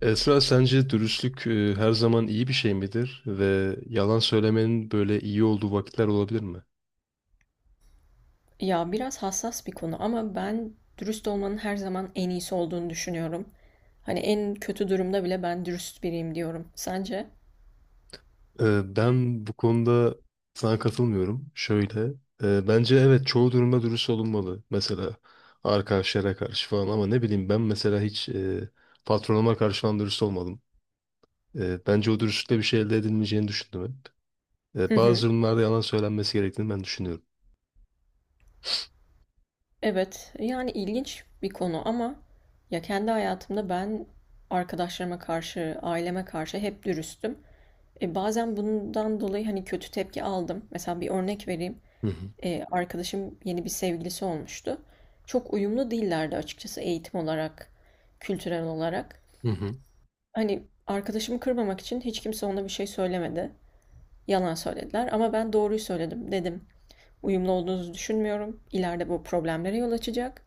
Esra sence dürüstlük her zaman iyi bir şey midir ve yalan söylemenin böyle iyi olduğu vakitler olabilir mi? Ya biraz hassas bir konu ama ben dürüst olmanın her zaman en iyisi olduğunu düşünüyorum. Hani en kötü durumda bile ben dürüst biriyim diyorum. Sence? Ben bu konuda sana katılmıyorum. Şöyle, bence evet çoğu durumda dürüst olunmalı. Mesela arkadaşlara karşı falan ama ne bileyim ben mesela hiç patronuma karşı falan dürüst olmadım. Bence o dürüstlükle bir şey elde edilmeyeceğini düşündüm hep. Hı Bazı hı. durumlarda yalan söylenmesi gerektiğini ben düşünüyorum. Evet, yani ilginç bir konu ama ya kendi hayatımda ben arkadaşlarıma karşı, aileme karşı hep dürüstüm. E bazen bundan dolayı hani kötü tepki aldım. Mesela bir örnek vereyim. Hı hı. Arkadaşım yeni bir sevgilisi olmuştu. Çok uyumlu değillerdi açıkçası eğitim olarak, kültürel olarak. Hı hı. Hani, arkadaşımı kırmamak için hiç kimse ona bir şey söylemedi. Yalan söylediler ama ben doğruyu söyledim. Dedim, "Uyumlu olduğunuzu düşünmüyorum. İleride bu problemlere yol açacak.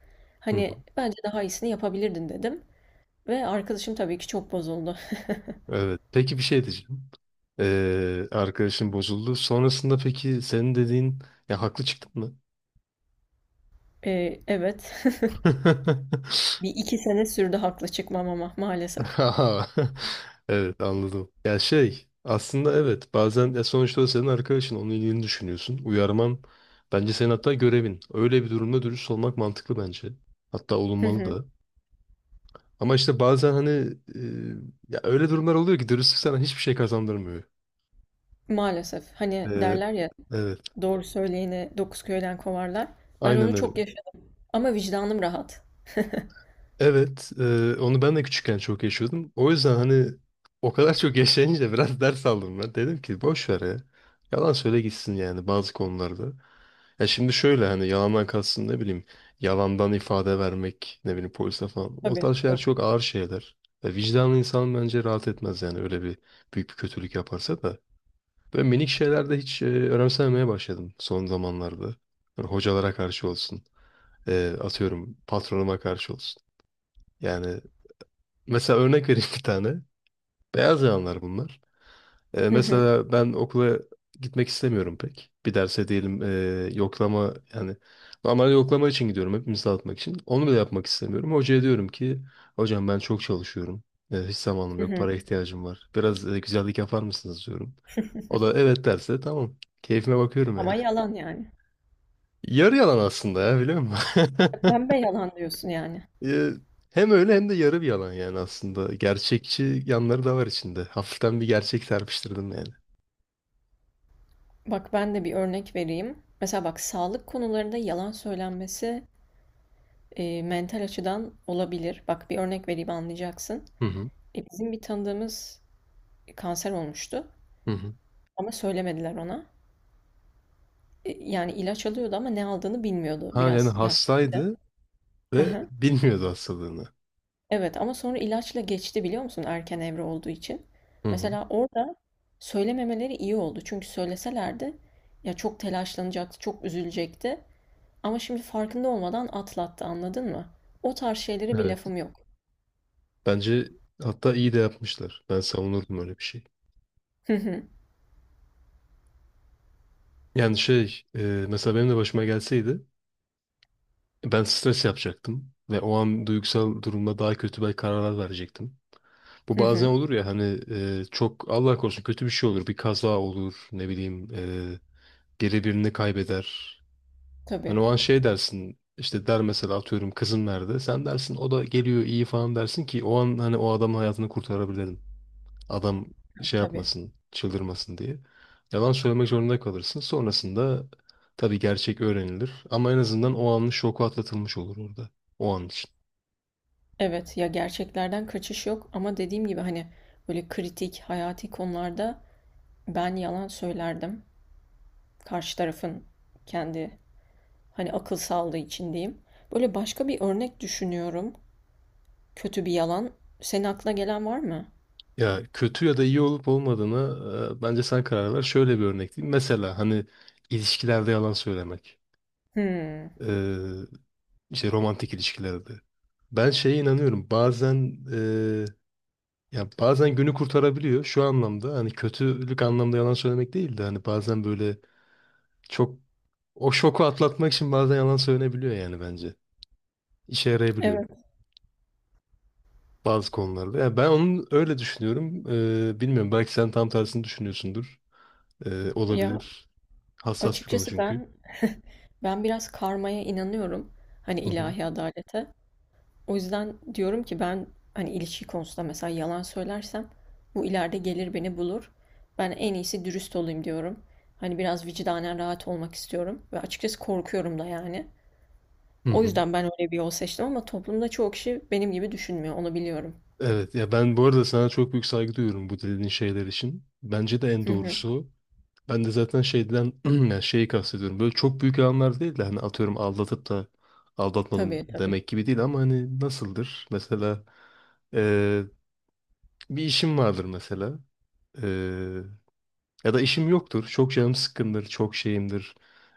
Hı hı. Hani, bence daha iyisini yapabilirdin." dedim ve arkadaşım tabii ki çok bozuldu. Evet. Peki bir şey diyeceğim. Arkadaşın bozuldu. Sonrasında peki senin dediğin ya haklı çıktın mı? Evet. Bir 2 sene sürdü haklı çıkmam ama maalesef. Aha. Evet anladım. Ya şey aslında evet bazen ya sonuçta o senin arkadaşın onun iyiliğini düşünüyorsun. Uyarman bence senin hatta görevin. Öyle bir durumda dürüst olmak mantıklı bence. Hatta Hı olunmalı hı. da. Ama işte bazen hani e, ya öyle durumlar oluyor ki dürüstlük sana hiçbir şey kazandırmıyor. Maalesef. Hani, Ee, derler ya, evet "Doğru söyleyeni dokuz köyden kovarlar." Ben aynen onu çok öyle. yaşadım ama vicdanım rahat. Evet, onu ben de küçükken çok yaşıyordum. O yüzden hani o kadar çok yaşayınca biraz ders aldım ben. Dedim ki boş ver ya. Yalan söyle gitsin yani bazı konularda. Ya şimdi şöyle hani yalandan kalsın ne bileyim yalandan ifade vermek ne bileyim polise falan. O Tabii, tarz şeyler yok. çok ağır şeyler. Ve vicdanlı insan bence rahat etmez yani öyle bir büyük bir kötülük yaparsa da. Böyle minik şeylerde hiç önemsememeye başladım son zamanlarda. Hani hocalara karşı olsun. Atıyorum patronuma karşı olsun. Yani mesela örnek vereyim bir tane. Beyaz yalanlar bunlar. Hı hı. Mesela ben okula gitmek istemiyorum pek. Bir derse diyelim yoklama yani normal yoklama için gidiyorum hepimiz dağıtmak için. Onu bile yapmak istemiyorum. Hocaya diyorum ki hocam ben çok çalışıyorum. Hiç zamanım Hı yok. hı. Para ihtiyacım var. Biraz güzellik yapar mısınız diyorum. O da evet derse tamam. Keyfime bakıyorum yani. Ama yalan yani. Yarı yalan aslında ya biliyor musun? Pembe yalan diyorsun yani. Ee, Hem öyle hem de yarı bir yalan yani aslında. Gerçekçi yanları da var içinde. Hafiften bir gerçek serpiştirdim yani. Bak ben de bir örnek vereyim. Mesela bak sağlık konularında yalan söylenmesi mental açıdan olabilir. Bak bir örnek vereyim anlayacaksın. Hı hı. Bizim bir tanıdığımız kanser olmuştu Hı hı. ama söylemediler ona. Yani ilaç alıyordu ama ne aldığını bilmiyordu Ha yani biraz yaşlıydı. hastaydı Hı ve hı. bilmiyordu hastalığını. Evet ama sonra ilaçla geçti biliyor musun erken evre olduğu için. Hı hı. Mesela orada söylememeleri iyi oldu. Çünkü söyleselerdi ya çok telaşlanacaktı, çok üzülecekti. Ama şimdi farkında olmadan atlattı, anladın mı? O tarz şeylere bir Evet. lafım yok. Bence hatta iyi de yapmışlar. Ben savunurdum öyle bir şey. Hı hı, Yani mesela benim de başıma gelseydi ben stres yapacaktım ve o an duygusal durumda daha kötü belki kararlar verecektim. Bu hı bazen hı. olur ya hani çok Allah korusun kötü bir şey olur. Bir kaza olur ne bileyim. Geri birini kaybeder. Tabii, Hani o an şey dersin işte der mesela atıyorum kızım nerede? Sen dersin o da geliyor iyi falan dersin ki o an hani o adamın hayatını kurtarabilirim. Adam tabii, şey tabii. yapmasın, çıldırmasın diye. Yalan söylemek zorunda kalırsın. Sonrasında tabii gerçek öğrenilir ama en azından o anın şoku atlatılmış olur orada. O an için. Evet, ya gerçeklerden kaçış yok ama dediğim gibi hani böyle kritik, hayati konularda ben yalan söylerdim. Karşı tarafın kendi hani akıl sağlığı için diyeyim. Böyle başka bir örnek düşünüyorum. Kötü bir yalan. Senin aklına gelen var mı? Ya kötü ya da iyi olup olmadığını bence sen karar ver. Şöyle bir örnek diyeyim. Mesela hani ilişkilerde yalan söylemek. Hmm. İşte romantik ilişkilerde. Ben şeye inanıyorum. Bazen ya bazen günü kurtarabiliyor şu anlamda. Hani kötülük anlamda yalan söylemek değil de hani bazen böyle çok o şoku atlatmak için bazen yalan söylenebiliyor yani bence. İşe yarayabiliyor Evet bazı konularda. Yani ben onu öyle düşünüyorum. Bilmiyorum belki sen tam tersini düşünüyorsundur. Ya Olabilir. Hassas bir konu açıkçası çünkü. ben biraz karmaya inanıyorum. Hani Hı hı. ilahi adalete. O yüzden diyorum ki ben hani ilişki konusunda mesela yalan söylersem bu ileride gelir beni bulur. Ben en iyisi dürüst olayım diyorum. Hani biraz vicdanen rahat olmak istiyorum ve açıkçası korkuyorum da yani. Hı O hı. yüzden ben öyle bir yol seçtim ama toplumda çoğu kişi benim gibi düşünmüyor, onu biliyorum. Evet ya ben bu arada sana çok büyük saygı duyuyorum bu dediğin şeyler için. Bence de en Hı hı. doğrusu o. Ben de zaten şeyden yani şeyi kastediyorum. Böyle çok büyük yalanlar değil de hani atıyorum aldatıp da aldatmadım Tabii tabii. demek gibi değil ama hani nasıldır? Mesela eee, bir işim vardır mesela. Eee, Ya da işim yoktur. Çok canım sıkkındır. Çok şeyimdir.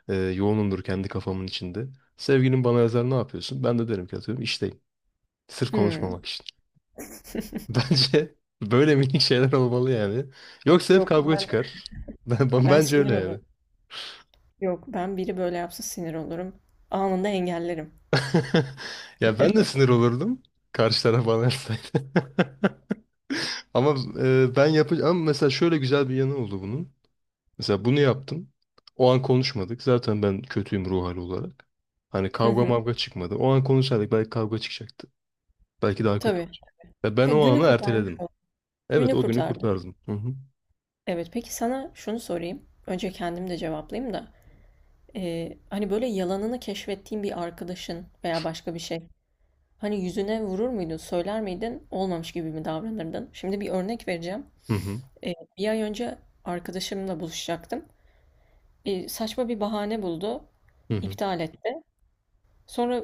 Yoğunumdur kendi kafamın içinde. Sevgilim bana yazar ne yapıyorsun? Ben de derim ki atıyorum işteyim. Sırf Hmm. konuşmamak için. Bence böyle minik şeyler olmalı yani. Yoksa hep Yok kavga ben çıkar. Bence sinir öyle olurum. yani. Yok ben biri böyle yapsa sinir olurum. Anında engellerim. Ya ben de sinir olurdum. Karşı taraf bana yapsaydı. Ama ben yapacağım. Ama mesela şöyle güzel bir yanı oldu bunun. Mesela bunu yaptım. O an konuşmadık. Zaten ben kötüyüm ruh hali olarak. Hani Hı kavga hı. mavga çıkmadı. O an konuşsaydık belki kavga çıkacaktı. Belki daha kötü Tabii. olacak. Ya ben Ya o günü anı kurtarmış erteledim. ol. Evet Günü o günü kurtardı. kurtardım. Hı hı. Evet, peki sana şunu sorayım. Önce kendim de cevaplayayım da. Hani böyle yalanını keşfettiğin bir arkadaşın veya başka bir şey. Hani yüzüne vurur muydun, söyler miydin, olmamış gibi mi davranırdın? Şimdi bir örnek vereceğim. Hı hı. Bir ay önce arkadaşımla buluşacaktım. Saçma bir bahane buldu, Hı hı. iptal etti. Sonra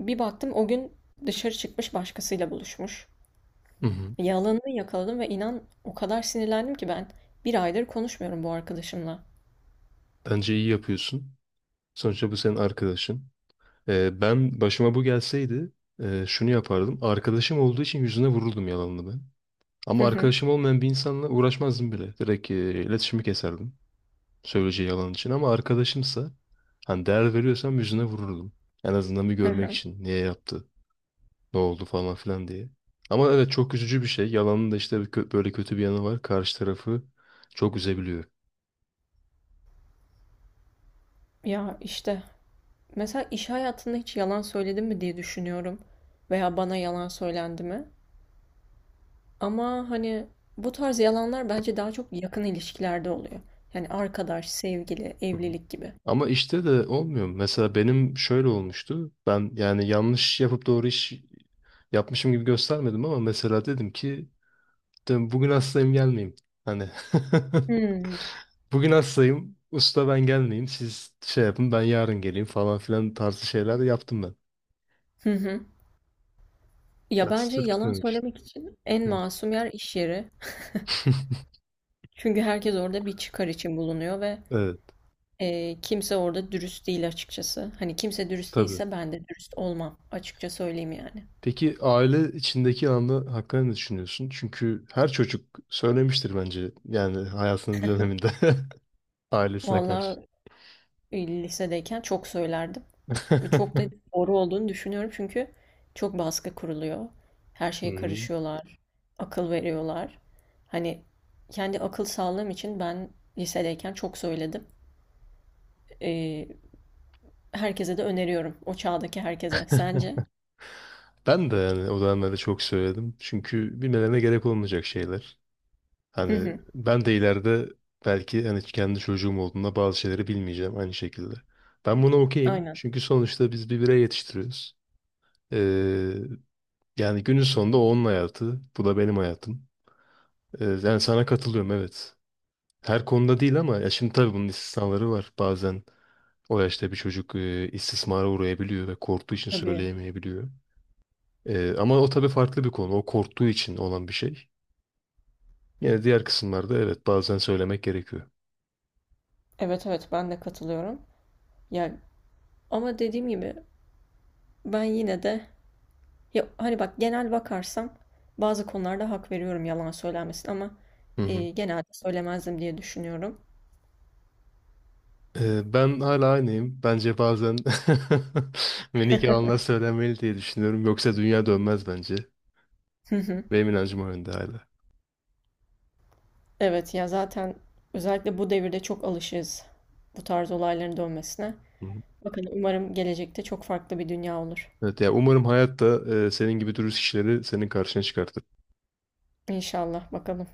bir baktım o gün dışarı çıkmış başkasıyla buluşmuş. Hı hı. Yalanını yakaladım ve inan o kadar sinirlendim ki ben bir aydır konuşmuyorum bu arkadaşımla. Bence iyi yapıyorsun. Sonuçta bu senin arkadaşın. Ben başıma bu gelseydi şunu yapardım. Arkadaşım olduğu için yüzüne vururdum yalanını ben. Hı Ama hı. arkadaşım olmayan bir insanla uğraşmazdım bile. Direkt iletişimi keserdim. Söyleyeceği yalan için. Ama arkadaşımsa hani değer veriyorsam yüzüne vururdum. En azından bir görmek için. Niye yaptı? Ne oldu falan filan diye. Ama evet çok üzücü bir şey. Yalanın da işte bir böyle kötü bir yanı var. Karşı tarafı çok üzebiliyor. Ya işte mesela iş hayatında hiç yalan söyledim mi diye düşünüyorum veya bana yalan söylendi mi? Ama hani bu tarz yalanlar bence daha çok yakın ilişkilerde oluyor. Yani arkadaş, sevgili, Hı hı. evlilik gibi. Ama işte de olmuyor. Mesela benim şöyle olmuştu. Ben yani yanlış yapıp doğru iş yapmışım gibi göstermedim ama mesela dedim ki Bugün hastayım gelmeyeyim. Hani Hmm. bugün hastayım usta ben gelmeyeyim siz şey yapın ben yarın geleyim falan filan tarzı şeyler yaptım ben. Hı hı. Ya Ya bence sırf yalan gitmemek işte. söylemek için en Hı. masum yer iş yeri. Çünkü herkes orada bir çıkar için bulunuyor ve Evet kimse orada dürüst değil açıkçası. Hani kimse dürüst tabii. değilse ben de dürüst olmam. Açıkça söyleyeyim yani. Peki aile içindeki anı hakkında ne düşünüyorsun? Çünkü her çocuk söylemiştir bence yani hayatının bir döneminde ailesine karşı. Vallahi lisedeyken çok söylerdim. Ve çok da doğru olduğunu düşünüyorum çünkü çok baskı kuruluyor. Her şeye Hmm. karışıyorlar, akıl veriyorlar. Hani kendi akıl sağlığım için ben lisedeyken çok söyledim. Ee, Herkese de öneriyorum, o çağdaki herkese. Sence? Ben de yani o dönemlerde çok söyledim. Çünkü bilmelerine gerek olmayacak şeyler. Hı Hani hı, ben de ileride belki hani kendi çocuğum olduğunda bazı şeyleri bilmeyeceğim aynı şekilde. Ben buna okeyim. aynen. Çünkü sonuçta biz bir birey yetiştiriyoruz. Ee, Yani günün sonunda o onun hayatı. Bu da benim hayatım. Yani sana katılıyorum evet. Her konuda değil ama ya şimdi tabii bunun istisnaları var. Bazen o yaşta bir çocuk istismara uğrayabiliyor ve korktuğu için Tabii. söyleyemeyebiliyor. Ama o tabii farklı bir konu. O korktuğu için olan bir şey. Yine diğer kısımlarda evet bazen söylemek gerekiyor. Evet evet ben de katılıyorum. Ya ama dediğim gibi ben yine de ya hani bak genel bakarsam bazı konularda hak veriyorum yalan söylenmesin ama Hı hı. Genelde söylemezdim diye düşünüyorum. Ben hala aynıyım. Bence bazen ve nikahına söylenmeli diye düşünüyorum. Yoksa dünya dönmez bence. Benim inancım o yönde hala. Evet ya zaten özellikle bu devirde çok alışığız bu tarz olayların dönmesine. Hı hı. Bakın umarım gelecekte çok farklı bir dünya olur. Evet, yani umarım hayatta senin gibi dürüst kişileri senin karşına çıkartır. İnşallah bakalım.